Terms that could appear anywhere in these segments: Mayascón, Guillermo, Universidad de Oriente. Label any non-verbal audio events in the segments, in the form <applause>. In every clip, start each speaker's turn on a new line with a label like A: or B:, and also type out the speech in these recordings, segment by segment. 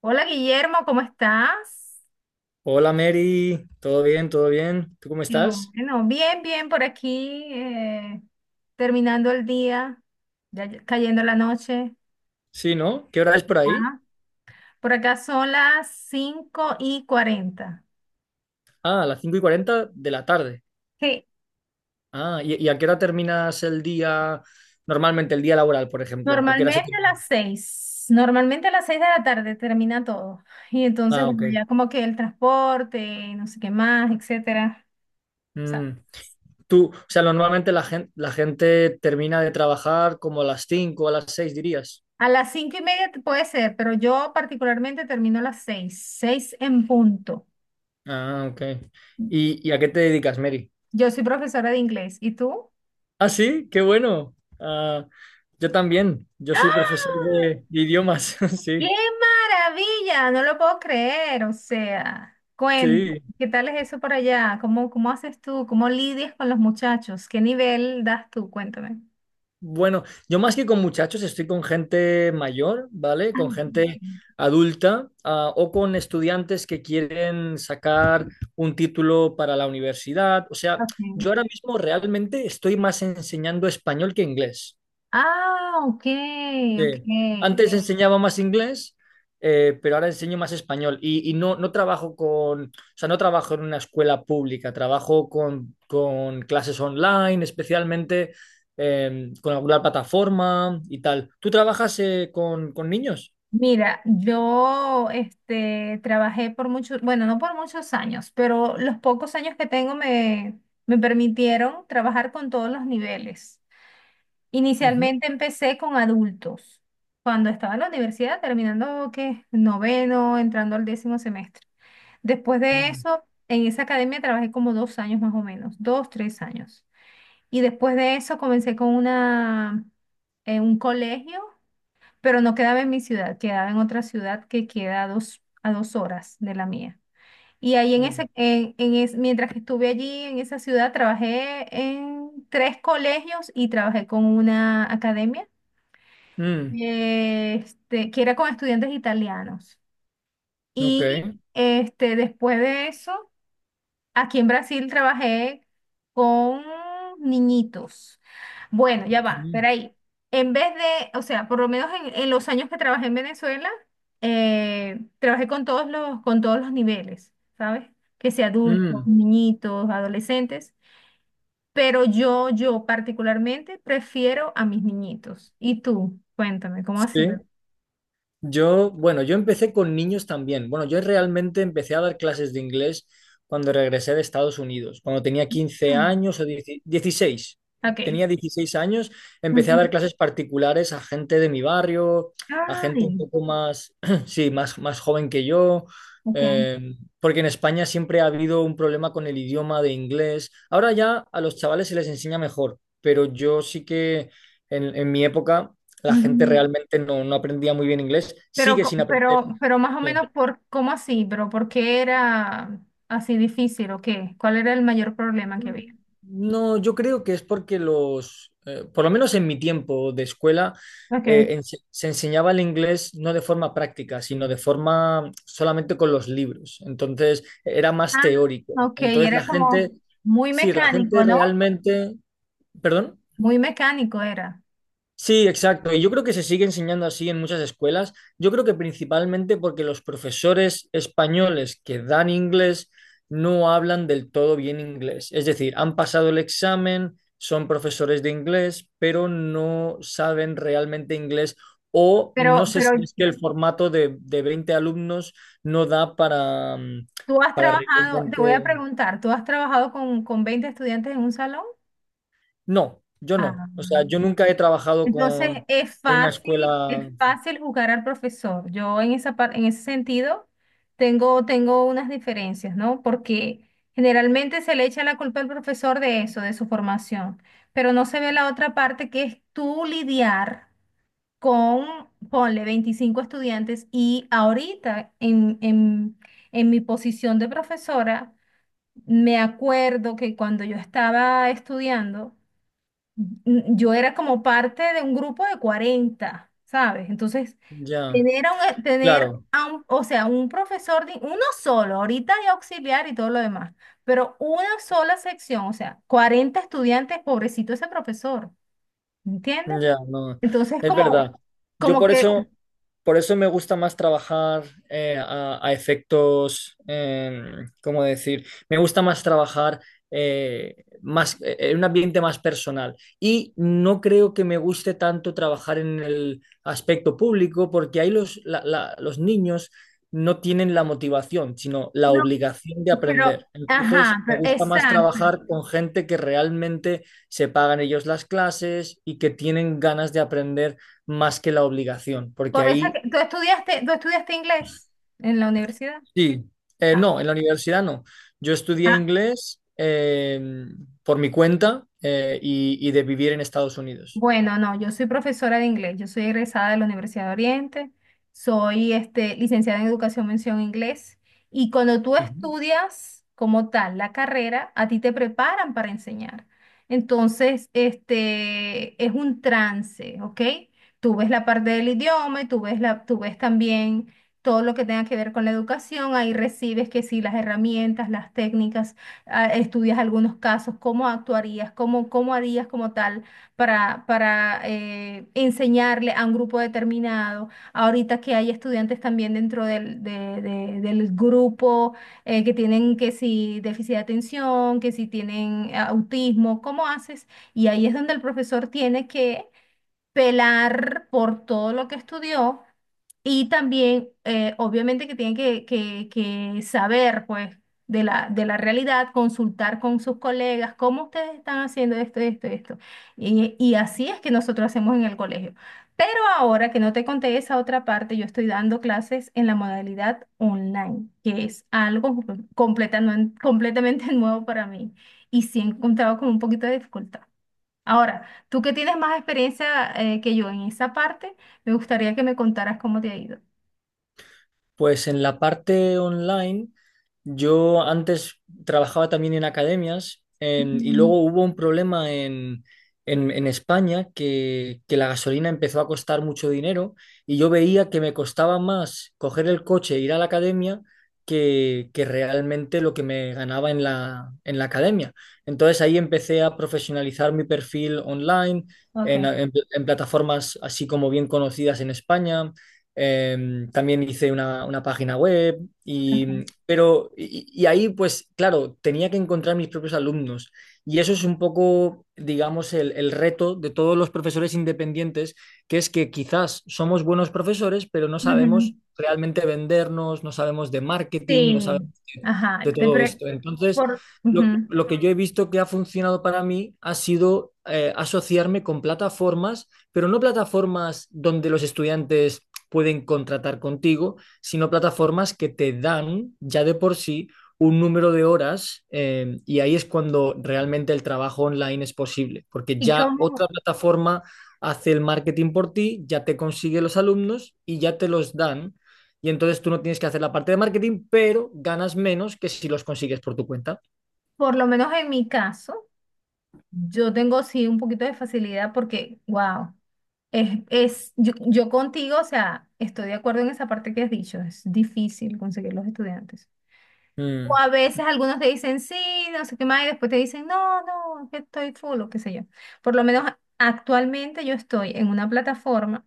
A: Hola Guillermo, ¿cómo estás?
B: Hola Mary, ¿todo bien? ¿Todo bien? ¿Tú cómo
A: Hello.
B: estás?
A: Bueno, bien, bien por aquí, terminando el día, ya cayendo la noche.
B: Sí, ¿no? ¿Qué hora es por ahí?
A: Ah, por acá son las 5:40.
B: Ah, a las 5 y 40 de la tarde.
A: Sí.
B: ¿Y a qué hora terminas el día, normalmente el día laboral, por ejemplo? ¿A qué hora se
A: Normalmente a las
B: termina?
A: 6. Normalmente a las seis de la tarde termina todo. Y entonces,
B: Ah,
A: bueno,
B: ok.
A: ya como que el transporte, no sé qué más, etcétera.
B: Mm.
A: ¿Sabes?
B: Tú, o sea, normalmente la gente termina de trabajar como a las cinco o a las seis, dirías.
A: A las 5:30 puede ser, pero yo particularmente termino a las 6, 6 en punto.
B: Ah, ok. ¿Y a qué te dedicas, Mary?
A: Yo soy profesora de inglés. ¿Y tú?
B: Ah, sí, qué bueno. Ah, yo también, yo soy profesor
A: ¡Ah!
B: de idiomas, <laughs>
A: ¡Qué
B: sí.
A: maravilla! No lo puedo creer. O sea,
B: Sí,
A: ¿qué tal es eso por allá? ¿Cómo haces tú? ¿Cómo lidias con los muchachos? ¿Qué nivel das tú? Cuéntame.
B: bueno, yo más que con muchachos estoy con gente mayor, ¿vale?
A: Ah,
B: Con
A: ok.
B: gente adulta, o con estudiantes que quieren sacar un título para la universidad. O sea,
A: Ok.
B: yo ahora mismo realmente estoy más enseñando español que inglés.
A: Ah, ok,
B: Sí.
A: ok.
B: Antes enseñaba más inglés, pero ahora enseño más español. Y no trabajo con, o sea, no trabajo en una escuela pública, trabajo con clases online, especialmente con alguna plataforma y tal. ¿Tú trabajas con niños?
A: Mira, yo este, trabajé por muchos, bueno, no por muchos años, pero los pocos años que tengo me permitieron trabajar con todos los niveles.
B: Ujú.
A: Inicialmente empecé con adultos, cuando estaba en la universidad, terminando que noveno, entrando al décimo semestre. Después de
B: Mm,
A: eso, en esa academia trabajé como 2 años más o menos, dos, tres años. Y después de eso comencé con una, en un colegio, pero no quedaba en mi ciudad, quedaba en otra ciudad que queda a dos, a 2 horas de la mía. Y ahí en
B: mm,
A: ese, en es- mientras que estuve allí en esa ciudad, trabajé en tres colegios y trabajé con una academia
B: mm.
A: este, que era con estudiantes italianos.
B: Ok,
A: Y este, después de eso, aquí en Brasil trabajé con niñitos. Bueno, ya
B: ok.
A: va, espera ahí. En vez de, o sea, por lo menos en los años que trabajé en Venezuela, trabajé con con todos los niveles, ¿sabes? Que sea adultos,
B: Mm.
A: niñitos, adolescentes. Pero yo particularmente prefiero a mis niñitos. ¿Y tú? Cuéntame, ¿cómo ha sido?
B: Sí. Yo, bueno, yo empecé con niños también. Bueno, yo realmente empecé a dar clases de inglés cuando regresé de Estados Unidos, cuando tenía 15 años o 10 16.
A: Okay.
B: Tenía 16 años, empecé a
A: Ujú.
B: dar clases particulares a gente de mi barrio, a gente un
A: Ay,
B: poco más, <clears throat> sí, más, más joven que yo,
A: okay.
B: eh, porque en España siempre ha habido un problema con el idioma de inglés. Ahora ya a los chavales se les enseña mejor, pero yo sí que en mi época la gente
A: Ujú.
B: realmente no, no aprendía muy bien inglés,
A: Pero,
B: sigue
A: co-
B: sin aprender.
A: pero, pero más o
B: Sí.
A: menos por, ¿cómo así? ¿Pero por qué era así difícil o qué? ¿Cuál era el mayor problema que había?
B: No, yo creo que es porque los, por lo menos en mi tiempo de escuela,
A: Okay.
B: se enseñaba el inglés no de forma práctica, sino de forma solamente con los libros. Entonces era más
A: Ah,
B: teórico.
A: ok,
B: Entonces
A: era
B: la
A: como
B: gente,
A: muy
B: sí, la gente
A: mecánico, ¿no?
B: realmente, perdón.
A: Muy mecánico era.
B: Sí, exacto. Y yo creo que se sigue enseñando así en muchas escuelas. Yo creo que principalmente porque los profesores españoles que dan inglés no hablan del todo bien inglés. Es decir, han pasado el examen, son profesores de inglés, pero no saben realmente inglés o no
A: Pero,
B: sé
A: pero
B: si es que el formato de 20 alumnos no da para,
A: tú has
B: para
A: trabajado, te voy a
B: realmente...
A: preguntar, ¿tú has trabajado con 20 estudiantes en un salón?
B: No, yo
A: Ah.
B: no. O sea, yo nunca he trabajado
A: Entonces
B: con, en una
A: es
B: escuela
A: fácil juzgar al profesor. Yo en esa en ese sentido tengo unas diferencias, ¿no? Porque generalmente se le echa la culpa al profesor de eso, de su formación, pero no se ve la otra parte que es tú lidiar con, ponle, 25 estudiantes y ahorita en mi posición de profesora, me acuerdo que cuando yo estaba estudiando, yo era como parte de un grupo de 40, ¿sabes? Entonces,
B: ya.
A: tener
B: Claro,
A: a un- o sea, un profesor, uno solo, ahorita de auxiliar y todo lo demás, pero una sola sección, o sea, 40 estudiantes, pobrecito ese profesor, ¿entiendes?
B: ya, no,
A: Entonces,
B: es verdad.
A: como,
B: Yo
A: como
B: por
A: que,
B: eso, por eso me gusta más trabajar a efectos, ¿cómo decir? Me gusta más trabajar eh, en un ambiente más personal. Y no creo que me guste tanto trabajar en el aspecto público, porque ahí los, los niños no tienen la motivación, sino la
A: no,
B: obligación de aprender. Entonces, me gusta más
A: exacto.
B: trabajar con gente que realmente se pagan ellos las clases y que tienen ganas de aprender más que la obligación, porque
A: Por eso, es
B: ahí
A: ¿tú estudiaste inglés en la universidad?
B: sí,
A: Ah.
B: no, en la universidad no. Yo estudié
A: Ah,
B: inglés por mi cuenta y de vivir en Estados Unidos.
A: bueno, no, yo soy profesora de inglés, yo soy egresada de la Universidad de Oriente, soy este, licenciada en Educación Mención Inglés y cuando tú
B: Ujú.
A: estudias como tal la carrera, a ti te preparan para enseñar. Entonces, este, es un trance, ¿ok? Tú ves la parte del idioma y tú ves también todo lo que tenga que ver con la educación, ahí recibes que sí, las herramientas, las técnicas, estudias algunos casos, cómo actuarías, cómo harías como tal para enseñarle a un grupo determinado. Ahorita que hay estudiantes también dentro del grupo que tienen que si déficit de atención, que si tienen autismo, ¿cómo haces? Y ahí es donde el profesor tiene que pelar por todo lo que estudió y también obviamente que tiene que saber pues de la realidad, consultar con sus colegas cómo ustedes están haciendo esto, esto, esto. Y así es que nosotros hacemos en el colegio. Pero ahora que no te conté esa otra parte, yo estoy dando clases en la modalidad online, que es algo completamente, completamente <laughs> nuevo para mí. Y sí he encontrado con un poquito de dificultad. Ahora, tú que tienes más experiencia que yo en esa parte, me gustaría que me contaras cómo te ha ido.
B: Pues en la parte online, yo antes trabajaba también en academias y
A: Mm.
B: luego hubo un problema en, en España que la gasolina empezó a costar mucho dinero y yo veía que me costaba más coger el coche e ir a la academia que realmente lo que me ganaba en la academia. Entonces ahí empecé a profesionalizar mi perfil online
A: Ok,
B: en en plataformas así como bien conocidas en España, también hice una página web y,
A: ok.
B: pero, y ahí pues claro, tenía que encontrar mis propios alumnos y eso es un poco, digamos, el reto de todos los profesores independientes, que es que quizás somos buenos profesores, pero no
A: Ujú.
B: sabemos realmente vendernos, no sabemos de marketing, no
A: Sí,
B: sabemos de,
A: ajá.
B: de todo esto. Entonces, lo,
A: Ujú.
B: lo que yo he visto que ha funcionado para mí ha sido asociarme con plataformas, pero no plataformas donde los estudiantes pueden contratar contigo, sino plataformas que te dan ya de por sí un número de horas, y ahí es cuando realmente el trabajo online es posible, porque
A: Y
B: ya otra
A: como,
B: plataforma hace el marketing por ti, ya te consigue los alumnos y ya te los dan y entonces tú no tienes que hacer la parte de marketing, pero ganas menos que si los consigues por tu cuenta.
A: por lo menos en mi caso, yo tengo sí un poquito de facilidad porque, wow, yo contigo, o sea, estoy de acuerdo en esa parte que has dicho, es difícil conseguir los estudiantes. O
B: Mm,
A: a veces algunos te dicen sí, no sé qué más, y después te dicen no, no, es que estoy full o qué sé yo. Por lo menos actualmente yo estoy en una plataforma.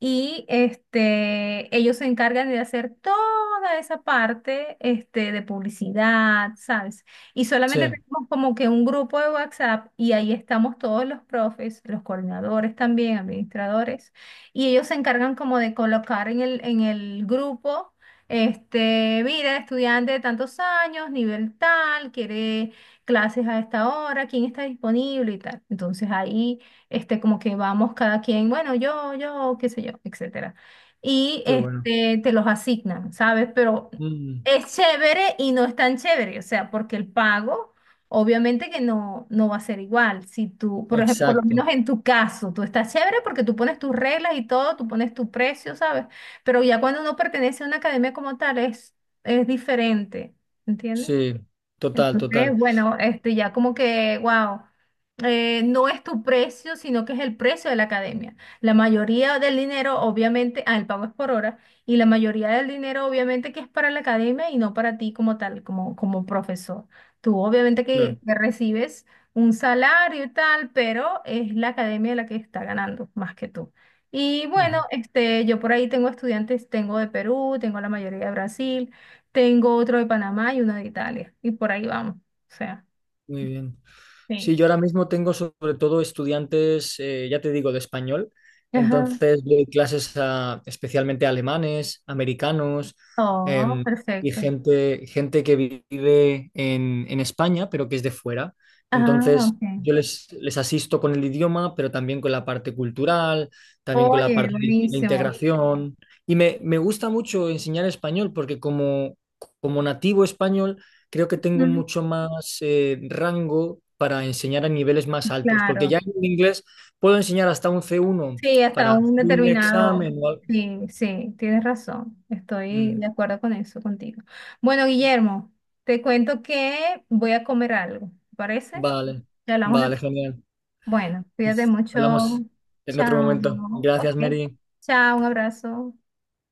A: Y este, ellos se encargan de hacer toda esa parte este, de publicidad, ¿sabes? Y solamente
B: sí,
A: tenemos como que un grupo de WhatsApp y ahí estamos todos los profes, los coordinadores también, administradores, y ellos se encargan como de colocar en el grupo, este, mira, estudiante de tantos años, nivel tal, quiere clases a esta hora, quién está disponible y tal. Entonces ahí este, como que vamos cada quien, bueno, yo, qué sé yo, etcétera. Y
B: qué bueno.
A: este, te los asignan, ¿sabes? Pero
B: Mm,
A: es chévere y no es tan chévere, o sea, porque el pago, obviamente que no, no va a ser igual. Si tú, por ejemplo, por lo
B: exacto,
A: menos en tu caso, tú estás chévere porque tú pones tus reglas y todo, tú pones tu precio, ¿sabes? Pero ya cuando uno pertenece a una academia como tal, es diferente, ¿entiendes?
B: sí, total,
A: Entonces,
B: total,
A: bueno, este ya como que, wow, no es tu precio, sino que es el precio de la academia. La mayoría del dinero, obviamente, el pago es por hora, y la mayoría del dinero, obviamente, que es para la academia y no para ti como tal, como profesor. Tú, obviamente, que,
B: claro.
A: que recibes un salario y tal, pero es la academia la que está ganando más que tú. Y bueno,
B: Ujú.
A: este, yo por ahí tengo estudiantes, tengo de Perú, tengo la mayoría de Brasil. Tengo otro de Panamá y uno de Italia. Y por ahí vamos. O sea,
B: Muy bien.
A: sí.
B: Sí, yo ahora mismo tengo sobre todo estudiantes, ya te digo, de español.
A: Ajá.
B: Entonces doy clases a especialmente a alemanes, americanos,
A: Oh,
B: em, y
A: perfecto.
B: gente, gente que vive en España, pero que es de fuera.
A: Ah,
B: Entonces
A: ok.
B: yo les, les asisto con el idioma, pero también con la parte cultural, también con la
A: Oye,
B: parte de
A: buenísimo.
B: integración. Y me gusta mucho enseñar español porque como, como nativo español creo que tengo
A: Ujú.
B: mucho más, rango para enseñar a niveles más altos, porque
A: Claro.
B: ya en inglés puedo enseñar hasta un C1
A: Sí, hasta
B: para hacer
A: un
B: un
A: determinado.
B: examen. O al-
A: Sí, sí, tienes razón. Estoy
B: mm,
A: de acuerdo con eso contigo. Bueno, Guillermo, te cuento que voy a comer algo. ¿Te parece?
B: vale,
A: Ya hablamos de...
B: vale, genial.
A: Bueno, cuídate
B: Pues
A: mucho.
B: hablamos en otro momento.
A: Chao. Ok.
B: Gracias, Mary.
A: Chao, un abrazo.